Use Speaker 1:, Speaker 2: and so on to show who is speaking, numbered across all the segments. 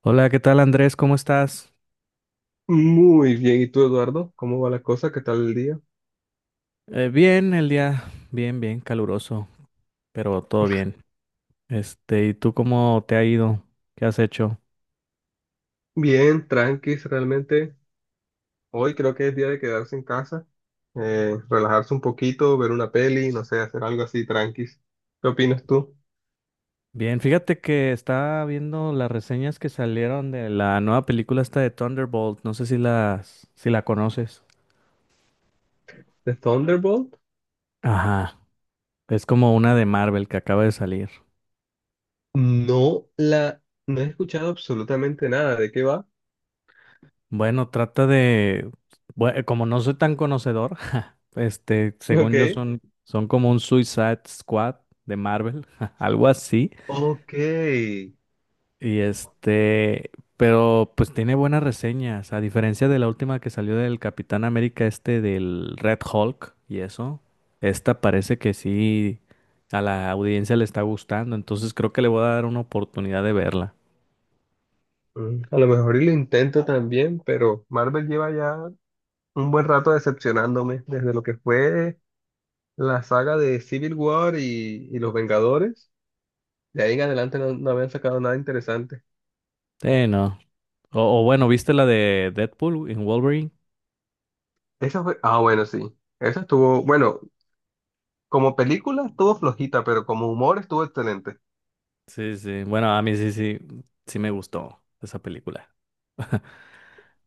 Speaker 1: Hola, ¿qué tal Andrés? ¿Cómo estás?
Speaker 2: Muy bien, ¿y tú, Eduardo? ¿Cómo va la cosa? ¿Qué tal el día?
Speaker 1: Bien, el día bien, bien caluroso, pero todo bien. Este, ¿y tú cómo te ha ido? ¿Qué has hecho?
Speaker 2: Bien, tranquis, realmente. Hoy creo que es día de quedarse en casa, relajarse un poquito, ver una peli, no sé, hacer algo así tranquis. ¿Qué opinas tú?
Speaker 1: Bien, fíjate que estaba viendo las reseñas que salieron de la nueva película esta de Thunderbolt. No sé si si la conoces.
Speaker 2: ¿De Thunderbolt?
Speaker 1: Ajá, es como una de Marvel que acaba de salir.
Speaker 2: No la, no he escuchado absolutamente nada. ¿De qué va?
Speaker 1: Bueno, trata de, como no soy tan conocedor, ja, este,
Speaker 2: Ok.
Speaker 1: según yo son como un Suicide Squad de Marvel, algo así.
Speaker 2: Ok.
Speaker 1: Y este, pero pues tiene buenas reseñas, a diferencia de la última que salió del Capitán América este del Red Hulk y eso, esta parece que sí a la audiencia le está gustando, entonces creo que le voy a dar una oportunidad de verla.
Speaker 2: Mm, a lo mejor y lo intento también, pero Marvel lleva ya un buen rato decepcionándome desde lo que fue la saga de Civil War y Los Vengadores. De ahí en adelante no habían sacado nada interesante.
Speaker 1: Sí, no. O bueno, ¿viste la de Deadpool en Wolverine?
Speaker 2: Esa fue, ah, bueno, sí. Esa estuvo, bueno, como película estuvo flojita, pero como humor estuvo excelente.
Speaker 1: Sí, sí. Bueno, a mí sí, sí, sí me gustó esa película.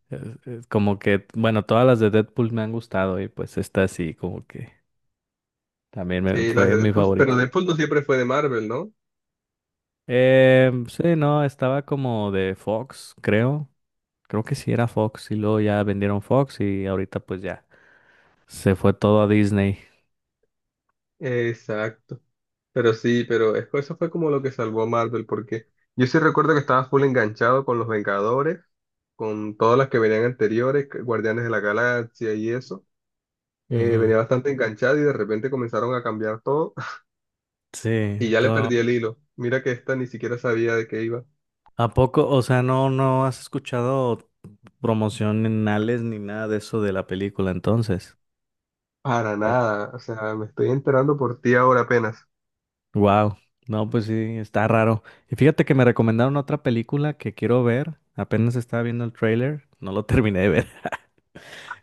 Speaker 1: Es como que, bueno, todas las de Deadpool me han gustado y pues esta sí, como que también me,
Speaker 2: Sí, las
Speaker 1: fue
Speaker 2: de
Speaker 1: mi
Speaker 2: Deadpool, pero
Speaker 1: favorita.
Speaker 2: Deadpool no siempre fue de Marvel, ¿no?
Speaker 1: Sí, no, estaba como de Fox, creo. Creo que sí era Fox y luego ya vendieron Fox y ahorita pues ya se fue todo a Disney.
Speaker 2: Exacto. Pero sí, pero eso fue como lo que salvó a Marvel, porque yo sí recuerdo que estaba full enganchado con los Vengadores, con todas las que venían anteriores, Guardianes de la Galaxia y eso.
Speaker 1: Ujú,
Speaker 2: Venía bastante enganchado y de repente comenzaron a cambiar todo
Speaker 1: sí,
Speaker 2: y ya le
Speaker 1: todo.
Speaker 2: perdí el hilo. Mira que esta ni siquiera sabía de qué iba.
Speaker 1: ¿A poco? O sea, no has escuchado promocionales ni nada de eso de la película entonces.
Speaker 2: Para nada, o sea, me estoy enterando por ti ahora apenas.
Speaker 1: Wow. No, pues sí, está raro. Y fíjate que me recomendaron otra película que quiero ver. Apenas estaba viendo el trailer, no lo terminé de ver.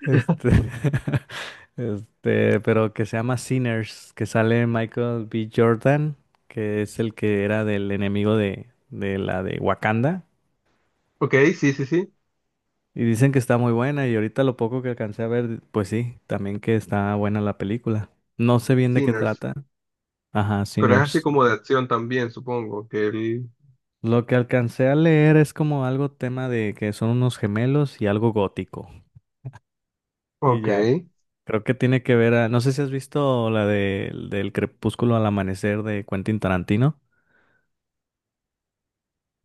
Speaker 1: Este, este, pero que se llama Sinners, que sale Michael B. Jordan, que es el que era del enemigo de la de Wakanda.
Speaker 2: Ok, sí, sí, sí,
Speaker 1: Y dicen que está muy buena, y ahorita lo poco que alcancé a ver, pues sí, también que está buena la película. No sé bien de qué
Speaker 2: Sinners,
Speaker 1: trata. Ajá,
Speaker 2: pero es así
Speaker 1: Sinners.
Speaker 2: como de acción también, supongo, que él...
Speaker 1: Lo que alcancé a leer es como algo tema de que son unos gemelos y algo gótico. Y
Speaker 2: Ok,
Speaker 1: ya.
Speaker 2: ¿esa
Speaker 1: Creo que tiene que ver a... No sé si has visto la del crepúsculo al amanecer de Quentin Tarantino.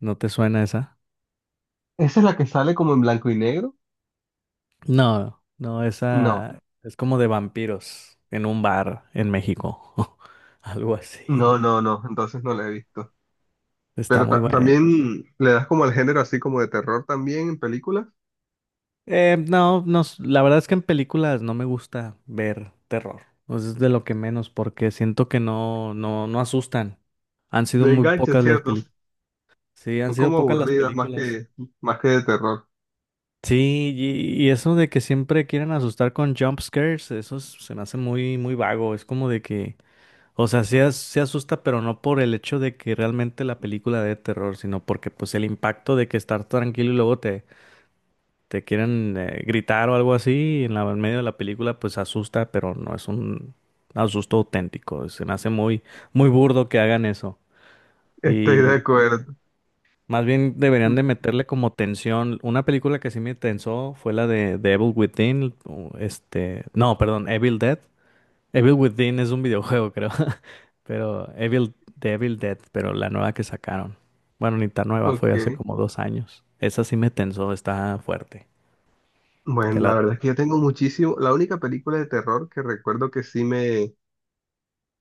Speaker 1: ¿No te suena esa?
Speaker 2: es la que sale como en blanco y negro?
Speaker 1: No, no,
Speaker 2: No,
Speaker 1: esa es como de vampiros en un bar en México. Algo así.
Speaker 2: no, entonces no la he visto.
Speaker 1: Está
Speaker 2: Pero
Speaker 1: muy buena.
Speaker 2: también le das como al género así como de terror también en películas.
Speaker 1: No, no, la verdad es que en películas no me gusta ver terror. Pues es de lo que menos porque siento que no, no, no asustan. Han sido
Speaker 2: Me
Speaker 1: muy
Speaker 2: engancha,
Speaker 1: pocas las
Speaker 2: ¿cierto?
Speaker 1: películas. Sí, han
Speaker 2: Son
Speaker 1: sido
Speaker 2: como
Speaker 1: pocas las
Speaker 2: aburridas más
Speaker 1: películas.
Speaker 2: más que de terror.
Speaker 1: Sí, y eso de que siempre quieren asustar con jump scares, eso se me hace muy, muy vago. Es como de que, o sea, sí, sí asusta, pero no por el hecho de que realmente la película dé terror, sino porque pues el impacto de que estar tranquilo y luego te quieren gritar o algo así en en medio de la película, pues asusta, pero no es un asusto auténtico. Se me hace muy, muy burdo que hagan eso.
Speaker 2: Estoy de acuerdo.
Speaker 1: Más bien deberían de meterle como tensión. Una película que sí me tensó fue la de Evil Within. O este, no, perdón, Evil Dead. Evil Within es un videojuego, creo. Pero Evil, de Evil Dead, pero la nueva que sacaron. Bueno, ni tan nueva, fue
Speaker 2: Ok.
Speaker 1: hace como dos años. Esa sí me tensó, está fuerte. Te
Speaker 2: Bueno,
Speaker 1: la
Speaker 2: la
Speaker 1: re-.
Speaker 2: verdad es que yo tengo muchísimo. La única película de terror que recuerdo que sí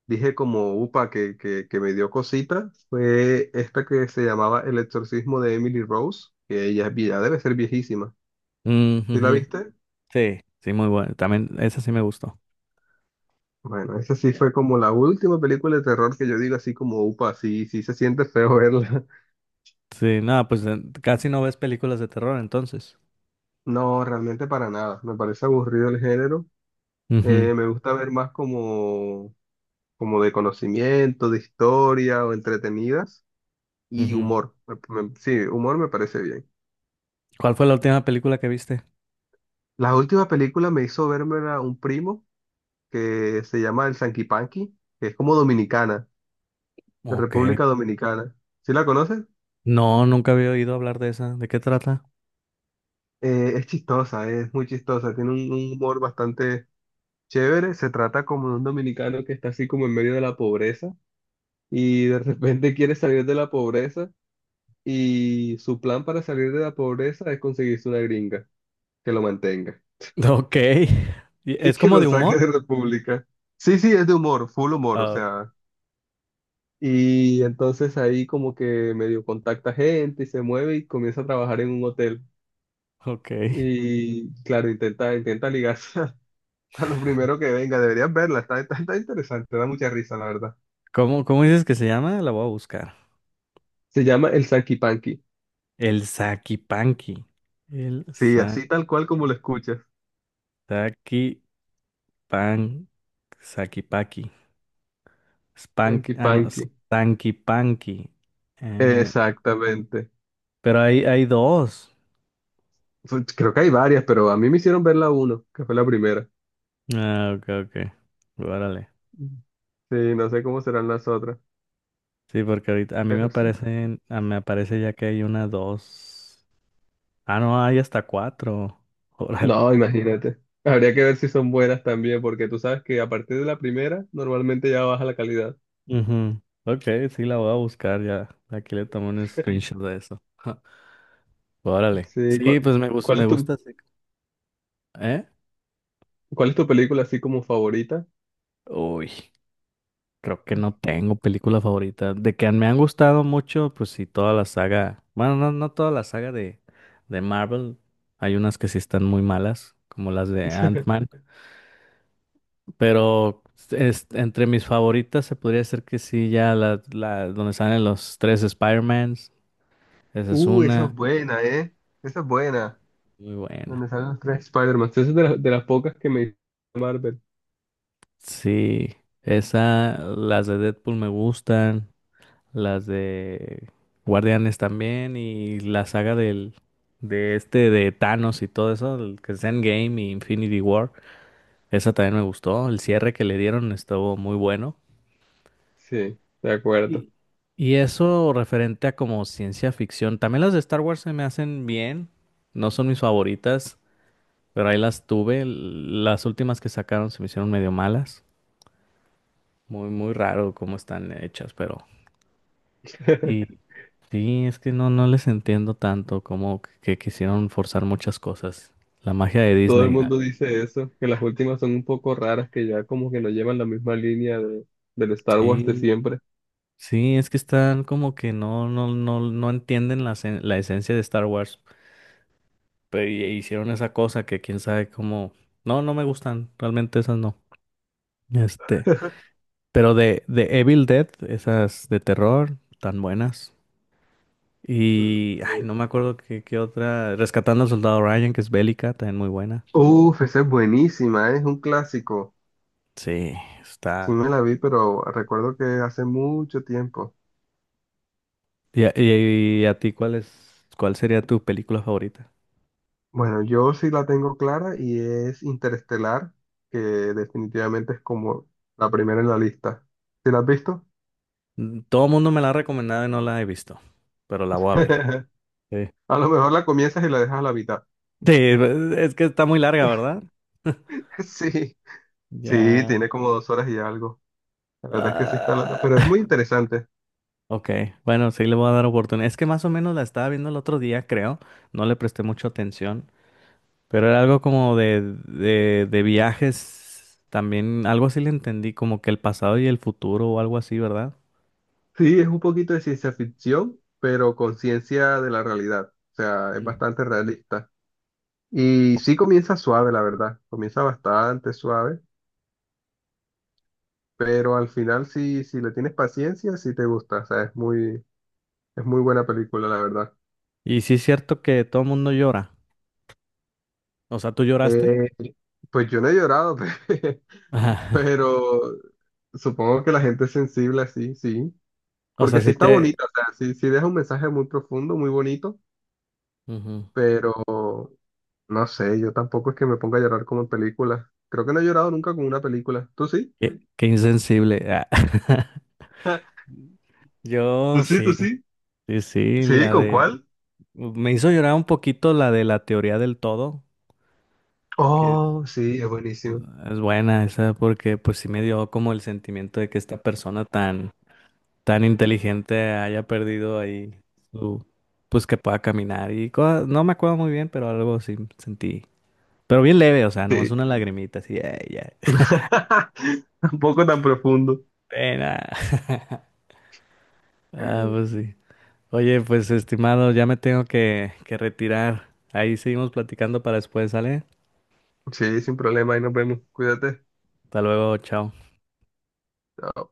Speaker 2: dije como upa que me dio cosita fue esta que se llamaba El exorcismo de Emily Rose, que ella es ya debe ser viejísima.
Speaker 1: Mm,
Speaker 2: ¿Sí la
Speaker 1: ujú.
Speaker 2: viste?
Speaker 1: Sí, sí, muy buena. También esa sí me gustó.
Speaker 2: Bueno, esa sí fue como la última película de terror que yo digo así como upa, sí, sí se siente feo verla.
Speaker 1: Sí, nada, pues casi no ves películas de terror entonces.
Speaker 2: No, realmente para nada, me parece aburrido el género.
Speaker 1: Ujú,
Speaker 2: Me gusta ver más como de conocimiento, de historia o entretenidas y
Speaker 1: ujú.
Speaker 2: humor. Sí, humor me parece bien.
Speaker 1: ¿Cuál fue la última película que viste?
Speaker 2: La última película me hizo verme a un primo que se llama el Sanquipanqui, que es como dominicana, de
Speaker 1: Ok.
Speaker 2: República Dominicana. ¿Sí la conoces?
Speaker 1: No, nunca había oído hablar de esa. ¿De qué trata?
Speaker 2: Es chistosa, es muy chistosa, tiene un humor bastante chévere. Se trata como de un dominicano que está así como en medio de la pobreza y de repente quiere salir de la pobreza y su plan para salir de la pobreza es conseguirse una gringa que lo mantenga
Speaker 1: Ok. ¿Y
Speaker 2: y
Speaker 1: es
Speaker 2: que
Speaker 1: como
Speaker 2: lo
Speaker 1: de humor?
Speaker 2: saque de República. Sí, sí, es de humor, full humor, o
Speaker 1: Ah,
Speaker 2: sea. Y entonces ahí como que medio contacta gente y se mueve y comienza a trabajar en un hotel.
Speaker 1: ok.
Speaker 2: Y claro, intenta ligarse a, lo primero que venga. Deberías verla, está interesante, da mucha risa, la verdad.
Speaker 1: ¿Cómo, cómo dices que se llama? La voy a buscar.
Speaker 2: Se llama el Sanky Panky.
Speaker 1: El Sakipanki. El
Speaker 2: Sí,
Speaker 1: sa
Speaker 2: así tal cual como lo escuchas.
Speaker 1: Sakipan Sakipaki. Spank,
Speaker 2: Sanky
Speaker 1: ah, no,
Speaker 2: Panky.
Speaker 1: Stankipanki. Eh,
Speaker 2: Exactamente.
Speaker 1: pero hay, hay dos.
Speaker 2: Creo que hay varias, pero a mí me hicieron ver la uno, que fue la primera.
Speaker 1: Ah, ok, ok. Órale.
Speaker 2: Sí, no sé cómo serán las otras,
Speaker 1: Sí, porque ahorita a mí me
Speaker 2: pero sí.
Speaker 1: aparece ya que hay una, dos. Ah, no, hay hasta cuatro. Órale.
Speaker 2: No, imagínate. Habría que ver si son buenas también, porque tú sabes que a partir de la primera normalmente ya baja la calidad.
Speaker 1: Ujú. Ok, sí la voy a buscar ya. Aquí le tomo un screenshot de eso. Ja, órale.
Speaker 2: Sí,
Speaker 1: Sí, pues me, gus-
Speaker 2: ¿cuál
Speaker 1: me
Speaker 2: es
Speaker 1: gusta. Ese- ¿Eh?
Speaker 2: cuál es tu película así como favorita?
Speaker 1: Uy, creo que no tengo película favorita. De que me han gustado mucho, pues sí, toda la saga. Bueno, no, no toda la saga de Marvel. Hay unas que sí están muy malas, como las de Ant-Man. Pero entre mis favoritas se podría decir que sí, ya la donde salen los tres Spider-Mans. Esa es
Speaker 2: Esa es
Speaker 1: una.
Speaker 2: buena, ¿eh? Esa es buena.
Speaker 1: Muy buena.
Speaker 2: Donde salen los tres Spider-Man. Esa es de las pocas que me hizo Marvel.
Speaker 1: Sí, esa, las de Deadpool me gustan, las de Guardianes también y la saga del de este de Thanos y todo eso, el que es Endgame y Infinity War, esa también me gustó, el cierre que le dieron estuvo muy bueno.
Speaker 2: Sí, de acuerdo.
Speaker 1: Y, y eso referente a como ciencia ficción, también las de Star Wars se me hacen bien, no son mis favoritas, pero ahí las tuve, las últimas que sacaron se me hicieron medio malas. Muy, muy raro cómo están hechas, pero y sí, es que no les entiendo tanto como que quisieron forzar muchas cosas. La magia de
Speaker 2: Todo el
Speaker 1: Disney.
Speaker 2: mundo dice eso, que las últimas son un poco raras, que ya como que no llevan la misma línea del Star Wars de
Speaker 1: Sí,
Speaker 2: siempre.
Speaker 1: sí, es que están como que no, no, no, no entienden la esencia de Star Wars. Pero e hicieron esa cosa que quién sabe cómo. No, no me gustan. Realmente esas no. Este. Pero de Evil Dead, esas de terror, tan buenas. Y ay, no me acuerdo qué otra. Rescatando al Soldado Ryan, que es bélica, también muy buena.
Speaker 2: Uf, esa es buenísima, es un clásico.
Speaker 1: Sí,
Speaker 2: Sí
Speaker 1: está.
Speaker 2: me la vi, pero recuerdo que hace mucho tiempo.
Speaker 1: ¿Y a ti cuál sería tu película favorita?
Speaker 2: Bueno, yo sí la tengo clara y es Interestelar, que definitivamente es como la primera en la lista. ¿Sí la has visto?
Speaker 1: Mm, todo el mundo me la ha recomendado y no la he visto, pero la voy a ver. Sí,
Speaker 2: A lo mejor la comienzas y la dejas a la mitad.
Speaker 1: sí, es que está muy larga, ¿verdad?
Speaker 2: Sí, sí,
Speaker 1: Ya.
Speaker 2: tiene como 2 horas y algo. La verdad es que sí está, pero es
Speaker 1: Ah,
Speaker 2: muy interesante.
Speaker 1: ok, bueno, sí le voy a dar oportunidad. Es que más o menos la estaba viendo el otro día, creo. No le presté mucha atención, pero era algo como de, de viajes. También algo así le entendí, como que el pasado y el futuro o algo así, ¿verdad?
Speaker 2: Sí, es un poquito de ciencia ficción, pero con ciencia de la realidad. O sea, es
Speaker 1: Mm.
Speaker 2: bastante realista. Y sí comienza suave, la verdad. Comienza bastante suave, pero al final si le tienes paciencia, sí te gusta. O sea, es muy buena película, la verdad.
Speaker 1: Y sí es cierto que todo el mundo llora. O sea, ¿tú lloraste?
Speaker 2: Eh, pues yo no he llorado, pe-
Speaker 1: Ajá,
Speaker 2: pero supongo que la gente es sensible así, sí.
Speaker 1: o sea,
Speaker 2: Porque sí
Speaker 1: sí
Speaker 2: está
Speaker 1: te...
Speaker 2: bonita, o sea, sí, sí deja un mensaje muy profundo, muy bonito,
Speaker 1: Ujú.
Speaker 2: pero no sé, yo tampoco es que me ponga a llorar como en películas. Creo que no he llorado nunca con una película. ¿Tú sí?
Speaker 1: Qué insensible. Ah.
Speaker 2: ¿Tú
Speaker 1: Yo
Speaker 2: sí, tú
Speaker 1: sí,
Speaker 2: sí?
Speaker 1: sí, sí,
Speaker 2: Sí,
Speaker 1: la
Speaker 2: ¿con
Speaker 1: de...
Speaker 2: cuál?
Speaker 1: Me hizo llorar un poquito la de la teoría del todo, que es
Speaker 2: Oh, sí, es buenísimo.
Speaker 1: es buena esa, porque pues sí me dio como el sentimiento de que esta persona tan, tan inteligente haya perdido ahí su... pues que pueda caminar y cosas- no me acuerdo muy bien, pero algo sí sentí. Pero bien leve, o sea, nomás
Speaker 2: Sí,
Speaker 1: una lagrimita, así, "Ey, ya",
Speaker 2: tampoco tan profundo.
Speaker 1: pena. Ah, pues sí. Oye, pues estimado, ya me tengo que, retirar. Ahí seguimos platicando para después, ¿sale?
Speaker 2: Sí, sin problema, ahí nos vemos. Cuídate.
Speaker 1: Hasta luego, chao.
Speaker 2: Chao.